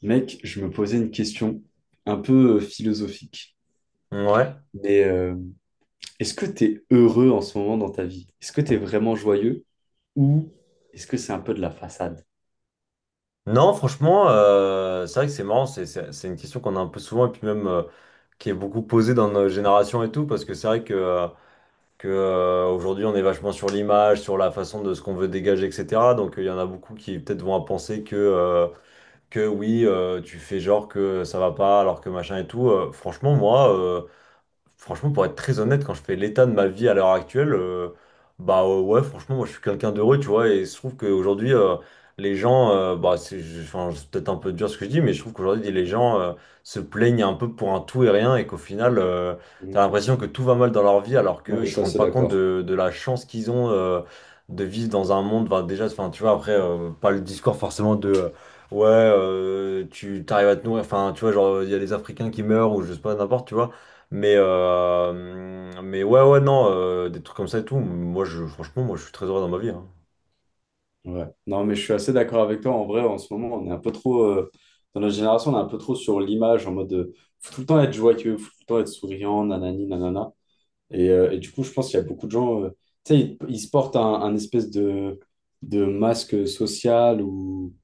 Mec, je me posais une question un peu philosophique. Ouais. Mais est-ce que tu es heureux en ce moment dans ta vie? Est-ce que tu es vraiment joyeux ou est-ce que c'est un peu de la façade? Non, franchement, c'est vrai que c'est marrant, c'est une question qu'on a un peu souvent et puis même, qui est beaucoup posée dans nos générations et tout, parce que c'est vrai que aujourd'hui on est vachement sur l'image, sur la façon de ce qu'on veut dégager, etc. Donc il y en a beaucoup qui peut-être vont à penser que, que oui, tu fais genre que ça va pas alors que machin et tout. Franchement, pour être très honnête, quand je fais l'état de ma vie à l'heure actuelle, ouais, franchement, moi je suis quelqu'un d'heureux, tu vois, et je trouve qu'aujourd'hui, les gens, bah enfin, c'est peut-être un peu dur ce que je dis, mais je trouve qu'aujourd'hui, les gens se plaignent un peu pour un tout et rien, et qu'au final, t'as Mm. l'impression que tout va mal dans leur vie, alors Ouais, qu'ils je se suis rendent assez pas compte d'accord. De la chance qu'ils ont de vivre dans un monde, enfin, déjà, enfin, tu vois, après, pas le discours forcément de. Ouais, tu t'arrives à te nourrir, enfin, tu vois, genre, il y a des Africains qui meurent ou je sais pas, n'importe, tu vois. Mais ouais, ouais, non, des trucs comme ça et tout. Franchement, moi, je suis très heureux dans ma vie, hein. Ouais. Non, mais je suis assez d'accord avec toi. En vrai, en ce moment, on est un peu trop, dans notre génération, on est un peu trop sur l'image en mode faut tout le temps être joyeux, faut tout le temps être souriant, nanani, nanana. Et du coup, je pense qu'il y a beaucoup de gens, tu sais, ils se portent un espèce de masque social ou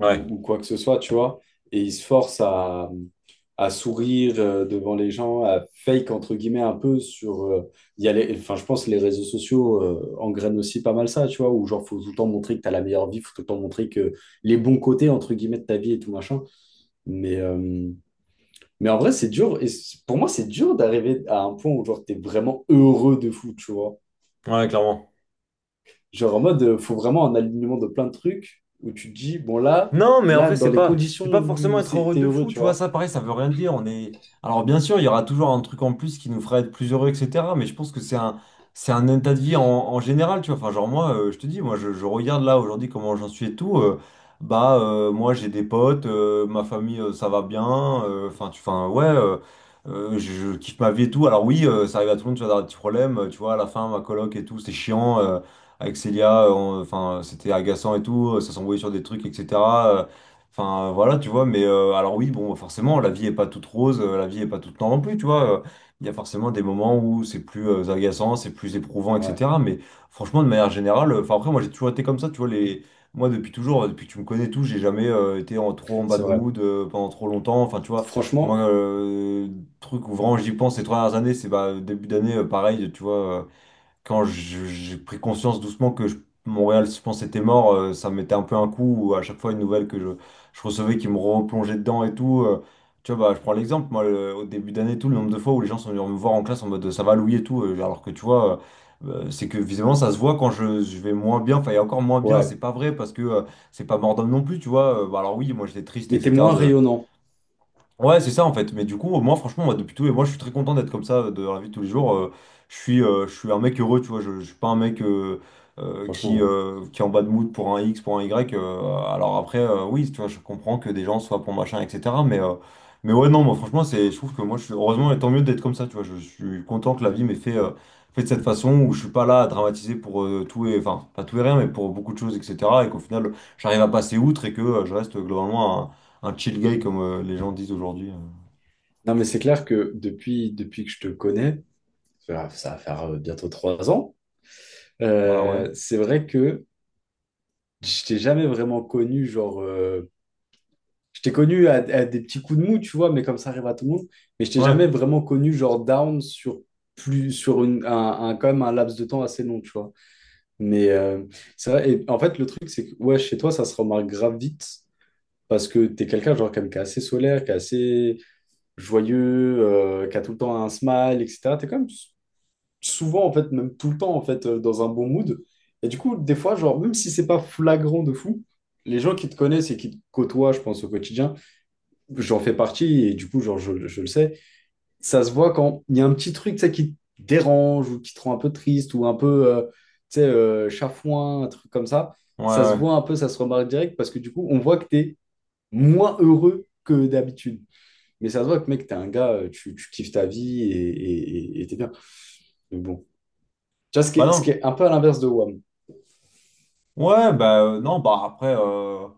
ou, ou quoi que ce soit, tu vois. Et il se force à sourire devant les gens, à fake entre guillemets un peu sur. Il y a enfin, je pense que les réseaux sociaux engrainent aussi pas mal ça, tu vois, où genre faut tout le temps montrer que t'as la meilleure vie, faut tout le temps montrer que les bons côtés entre guillemets de ta vie et tout machin. Mais, euh, mais en vrai, c'est dur. Et pour moi, c'est dur d'arriver à un point où genre t'es vraiment heureux de fou, tu vois. ouais, clairement. Genre en mode, faut vraiment un alignement de plein de trucs où tu te dis, bon là, Non, mais là, après, dans les c'est conditions pas forcément où être heureux t'es de heureux, fou, tu tu vois. vois. Ça, pareil, ça veut rien dire. On est... Alors, bien sûr, il y aura toujours un truc en plus qui nous fera être plus heureux, etc. Mais je pense que c'est un état de vie en général, tu vois. Enfin, genre, moi, je te dis, moi, je regarde là aujourd'hui comment j'en suis et tout. Moi, j'ai des potes, ma famille, ça va bien. Enfin, enfin, ouais, je kiffe ma vie et tout. Alors, oui, ça arrive à tout le monde, tu vois, d'avoir des petits problèmes, tu vois. À la fin, ma coloc et tout, c'est chiant. Avec Célia, enfin, c'était agaçant et tout, ça s'envoyait sur des trucs, etc. euh, Enfin, voilà, tu vois, mais alors oui, bon, forcément, la vie est pas toute rose, la vie est pas toute noire non plus, tu vois. Il y a forcément des moments où c'est plus agaçant, c'est plus éprouvant, Ouais, etc. Mais franchement, de manière générale, enfin, après, moi, j'ai toujours été comme ça, tu vois, les... Moi, depuis toujours, depuis que tu me connais et tout, j'ai jamais été en, trop en bad c'est vrai. mood pendant trop longtemps. Enfin, tu vois, moi, Franchement, euh, truc où vraiment j'y pense ces 3 dernières années, c'est bah, début d'année, pareil, tu vois. Quand j'ai pris conscience doucement que Montréal, je pense, était mort, ça me mettait un peu un coup, ou à chaque fois une nouvelle que je recevais qui me replongeait dedans et tout. Tu vois, bah, je prends l'exemple, moi, au début d'année, tout le nombre de fois où les gens sont venus me voir en classe en mode ça va Louis et tout, alors que tu vois, c'est que visiblement ça se voit quand je vais moins bien, enfin, il y a encore moins bien, ouais. c'est pas vrai parce que c'est pas mort d'homme non plus, tu vois. Bah, alors oui, moi j'étais triste, Mais t'es etc. moins rayonnant, Ouais, c'est ça en fait. Mais du coup, moi, franchement, moi, depuis tout, et moi, je suis très content d'être comme ça de la vie de tous les jours. Je suis, je suis un mec heureux, tu vois. Je suis pas un mec euh, euh, franchement. qui, Ouais. euh, qui est en bas de mood pour un X, pour un Y. Alors après, oui, tu vois, je comprends que des gens soient pour machin, etc. Mais mais ouais, non, moi, franchement, je trouve que moi, je suis, heureusement, et tant mieux d'être comme ça, tu vois. Je suis content que la vie m'ait fait de cette façon où je suis pas là à dramatiser pour tout et, enfin, pas tout et rien, mais pour beaucoup de choses, etc. Et qu'au final, j'arrive à passer outre et que je reste globalement un chill guy comme les gens disent aujourd'hui. Non, mais c'est clair que depuis que je te connais, ça va faire bientôt 3 ans, Bah ouais. C'est vrai que je t'ai jamais vraiment connu, genre, je t'ai connu à des petits coups de mou, tu vois, mais comme ça arrive à tout le monde, mais je t'ai Ouais, jamais vraiment connu, genre, down sur plus, sur quand même un laps de temps assez long, tu vois. Mais c'est vrai, et en fait, le truc, c'est que ouais, chez toi, ça se remarque grave vite parce que t'es quelqu'un, genre, quand même, qui est assez solaire, qui est assez joyeux, qui a tout le temps un smile, etc. T'es quand même souvent, en fait, même tout le temps, en fait, dans un bon mood. Et du coup, des fois, genre, même si c'est pas flagrant de fou, les gens qui te connaissent et qui te côtoient, je pense, au quotidien, j'en fais partie et du coup, genre, je le sais, ça se voit quand il y a un petit truc, tu sais, qui te dérange ou qui te rend un peu triste ou un peu, tu sais, chafouin, un truc comme ça. ouais, Ça se ouais. voit un peu, ça se remarque direct parce que du coup, on voit que tu es moins heureux que d'habitude. Mais ça se voit que, mec, t'es un gars, tu kiffes ta vie et t'es bien. Mais bon. Tu vois, ce qui Bah est, ce qui non. est un peu à l'inverse de WAM. Ouais, bah non, bah après.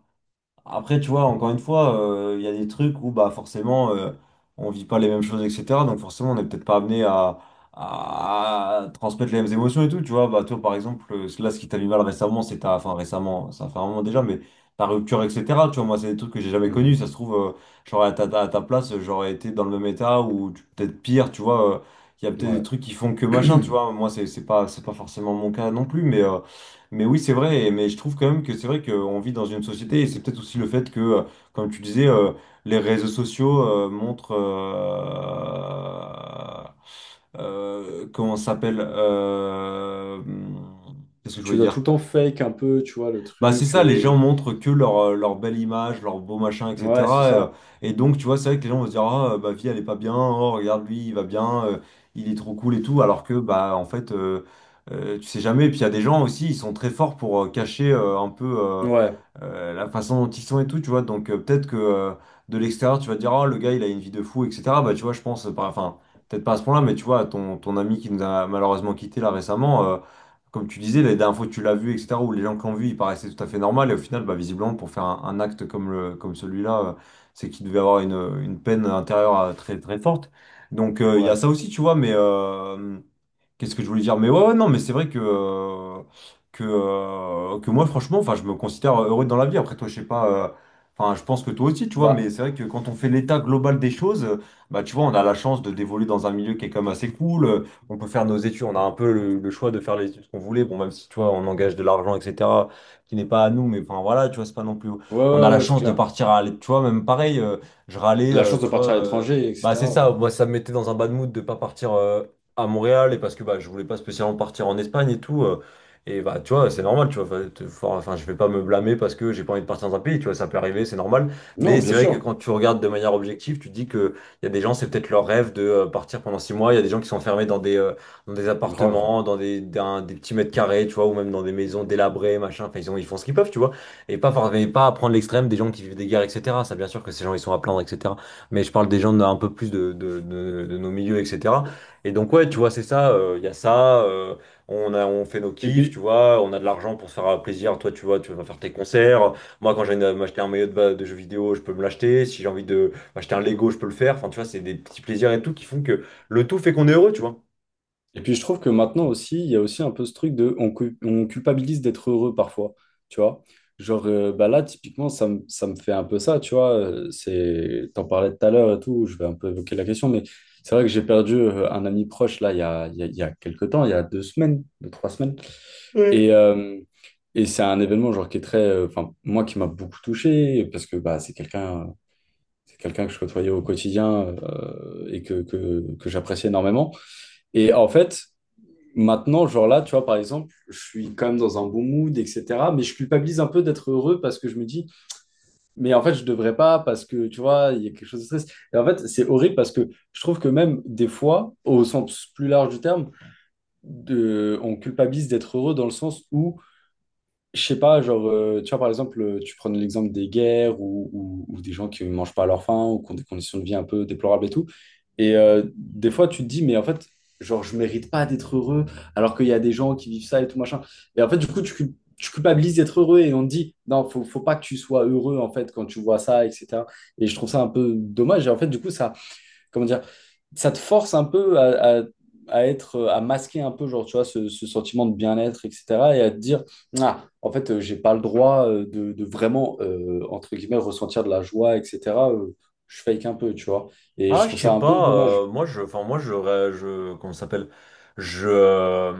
Après, tu vois, encore une fois, il y a des trucs où bah forcément on vit pas les mêmes choses, etc. Donc forcément, on n'est peut-être pas amené à transmettre les mêmes émotions et tout, tu vois. Bah toi, par exemple, là, ce qui t'a mis mal récemment, c'est enfin récemment, ça fait un moment déjà, mais ta rupture, etc. Tu vois, moi, c'est des trucs que j'ai jamais connus. Mhm. Ça se trouve, j'aurais à à ta place, j'aurais été dans le même état ou peut-être pire, tu vois. Il y a peut-être des Ouais. trucs qui font que machin, tu vois. Moi, c'est pas forcément mon cas non plus, mais. Mais oui, c'est vrai, mais je trouve quand même que c'est vrai qu'on vit dans une société, et c'est peut-être aussi le fait que, comme tu disais, les réseaux sociaux montrent, comment ça s'appelle, qu'est-ce que je Tu voulais dois tout dire? le temps fake un peu, tu vois, le Bah c'est truc. ça, les gens montrent que leur, leur belle image, leur beau machin, Ouais, c'est etc. euh, ça. Et, donc tu vois, c'est vrai que les gens vont se dire, ah ma vie elle est pas bien, oh regarde lui, il va bien, il est trop cool et tout, alors que bah en fait, tu sais jamais. Et puis il y a des gens aussi, ils sont très forts pour cacher euh, un peu euh, Ouais, euh, la façon dont ils sont et tout, tu vois. Donc peut-être que de l'extérieur tu vas te dire, ah le gars il a une vie de fou, etc. Bah tu vois, je pense, enfin peut-être pas à ce point-là, mais tu vois, ton ami qui nous a malheureusement quitté là récemment. Comme tu disais, la dernière fois que tu l'as vu, etc., où les gens qui l'ont vu, il paraissait tout à fait normal. Et au final, bah, visiblement, pour faire un acte comme comme celui-là, c'est qu'il devait avoir une peine intérieure très, très forte. Donc, il y a ouais. ça aussi, tu vois, mais qu'est-ce que je voulais dire? Mais ouais, ouais, non, mais c'est vrai que, que moi, franchement, enfin, je me considère heureux dans la vie. Après, toi, je sais pas, enfin, je pense que toi aussi, tu vois, Bah, mais c'est vrai que quand on fait l'état global des choses, bah, tu vois, on a la chance de d'évoluer dans un milieu qui est quand même assez cool. On peut faire nos études, on a un peu le choix de faire les études qu'on voulait. Bon, même si, tu vois, on engage de l'argent, etc., qui n'est pas à nous, mais enfin, voilà, tu vois, c'est pas non plus. ouais, On a ouais, la ouais, c'est chance de clair. partir tu vois, même pareil, je râlais, La chance de tu partir vois. à l'étranger, Bah c'est ça, etc. moi ça me mettait dans un bad mood de pas partir à Montréal et parce que bah, je voulais pas spécialement partir en Espagne et tout. Et bah, tu vois, c'est normal, tu vois. Enfin, je vais pas me blâmer parce que j'ai pas envie de partir dans un pays, tu vois, ça peut arriver, c'est normal. Non, Mais bien c'est vrai que sûr, quand tu regardes de manière objective, tu te dis que il y a des gens, c'est peut-être leur rêve de partir pendant 6 mois. Il y a des gens qui sont enfermés dans des, dans des grave. appartements, dans des petits mètres carrés, tu vois, ou même dans des maisons délabrées, machin. Enfin, ils font ce qu'ils peuvent, tu vois. Et pas, mais pas à prendre l'extrême des gens qui vivent des guerres, etc. Ça, bien sûr que ces gens, ils sont à plaindre, etc. Mais je parle des gens d'un peu plus de nos milieux, etc. Et donc, ouais, tu vois, c'est ça. Il y a ça. On fait nos Et kiffs, tu puis, vois. On a de l'argent pour se faire plaisir. Toi, tu vois, tu vas faire tes concerts. Moi, quand j'ai envie de m'acheter un maillot de, de jeu vidéo, je peux me l'acheter. Si j'ai envie de m'acheter un Lego, je peux le faire. Enfin, tu vois, c'est des petits plaisirs et tout qui font que le tout fait qu'on est heureux, tu vois. et puis je trouve que maintenant aussi, il y a aussi un peu ce truc de on culpabilise d'être heureux parfois, tu vois. Genre, bah là, typiquement, ça me fait un peu ça, tu vois. C'est, t'en parlais tout à l'heure et tout, je vais un peu évoquer la question, mais c'est vrai que j'ai perdu un ami proche, là, il y a, il y a, il y a quelques temps, il y a 2 semaines, 2, 3 semaines. Et, euh, et c'est un événement, genre, qui est très, enfin, moi, qui m'a beaucoup touché, parce que bah, c'est quelqu'un. C'est quelqu'un que je côtoyais au quotidien et que j'apprécie énormément. Et en fait, maintenant, genre là, tu vois, par exemple, je suis quand même dans un bon mood, etc. Mais je culpabilise un peu d'être heureux parce que je me dis, mais en fait, je devrais pas parce que, tu vois, il y a quelque chose de stress. Et en fait, c'est horrible parce que je trouve que même des fois, au sens plus large du terme, on culpabilise d'être heureux dans le sens où je sais pas, genre, tu vois, par exemple, tu prends l'exemple des guerres ou des gens qui ne mangent pas à leur faim ou qui ont des conditions de vie un peu déplorables et tout. Et des fois, tu te dis, mais en fait, genre, je mérite pas d'être heureux alors qu'il y a des gens qui vivent ça et tout machin. Et en fait, du coup, tu culpabilises d'être heureux et on te dit, non, faut pas que tu sois heureux en fait quand tu vois ça, etc. Et je trouve ça un peu dommage. Et en fait, du coup, ça, comment dire, ça te force un peu à, à être, à masquer un peu, genre, tu vois, ce sentiment de bien-être, etc. Et à te dire, ah, en fait, j'ai pas le droit de, vraiment, entre guillemets, ressentir de la joie, etc. euh, je fake un peu, tu vois. Et je Ah, je trouve sais ça un peu pas, dommage. Moi je enfin moi je comment ça s'appelle? Je euh,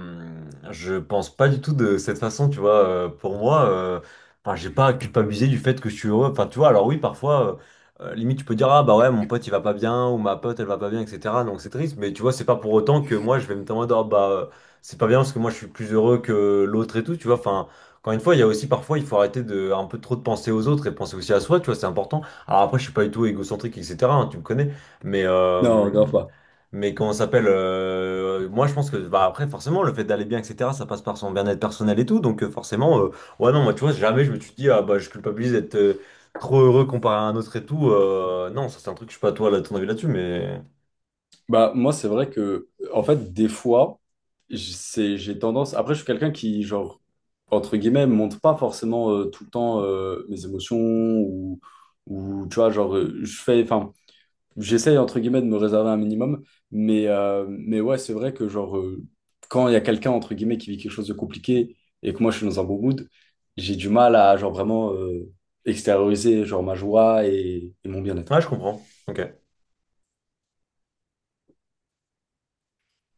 je pense pas du tout de cette façon, tu vois, pour moi enfin j'ai pas à culpabiliser du fait que je suis heureux. Enfin, tu vois, alors oui, parfois limite tu peux dire ah bah ouais, mon pote il va pas bien ou ma pote elle va pas bien etc. Donc c'est triste, mais tu vois, c'est pas pour autant que moi je vais me dire ah bah c'est pas bien parce que moi je suis plus heureux que l'autre et tout, tu vois. Enfin, encore une fois, il y a aussi parfois il faut arrêter de un peu trop de penser aux autres et penser aussi à soi, tu vois, c'est important. Alors après, je suis pas du tout égocentrique etc., hein, tu me connais. Mais, Non, euh, grave pas. mais comment ça s'appelle moi, je pense que, bah, après, forcément, le fait d'aller bien, etc., ça passe par son bien-être personnel et tout. Donc, forcément, ouais, non, moi, tu vois, jamais je me suis dit, ah, bah, je culpabilise d'être trop heureux comparé à un autre et tout. Non, ça, c'est un truc, je sais pas, toi, là, ton avis là-dessus, mais Bah, moi, c'est vrai que, en fait, des fois, c'est, j'ai tendance. Après, je suis quelqu'un qui, genre, entre guillemets, montre pas forcément tout le temps mes émotions ou, tu vois, genre, je fais. Enfin, j'essaye entre guillemets de me réserver un minimum, mais ouais, c'est vrai que genre, quand il y a quelqu'un entre guillemets qui vit quelque chose de compliqué et que moi je suis dans un bon mood, j'ai du mal à genre vraiment extérioriser genre ma joie et mon bien-être. ouais, je comprends. Ok.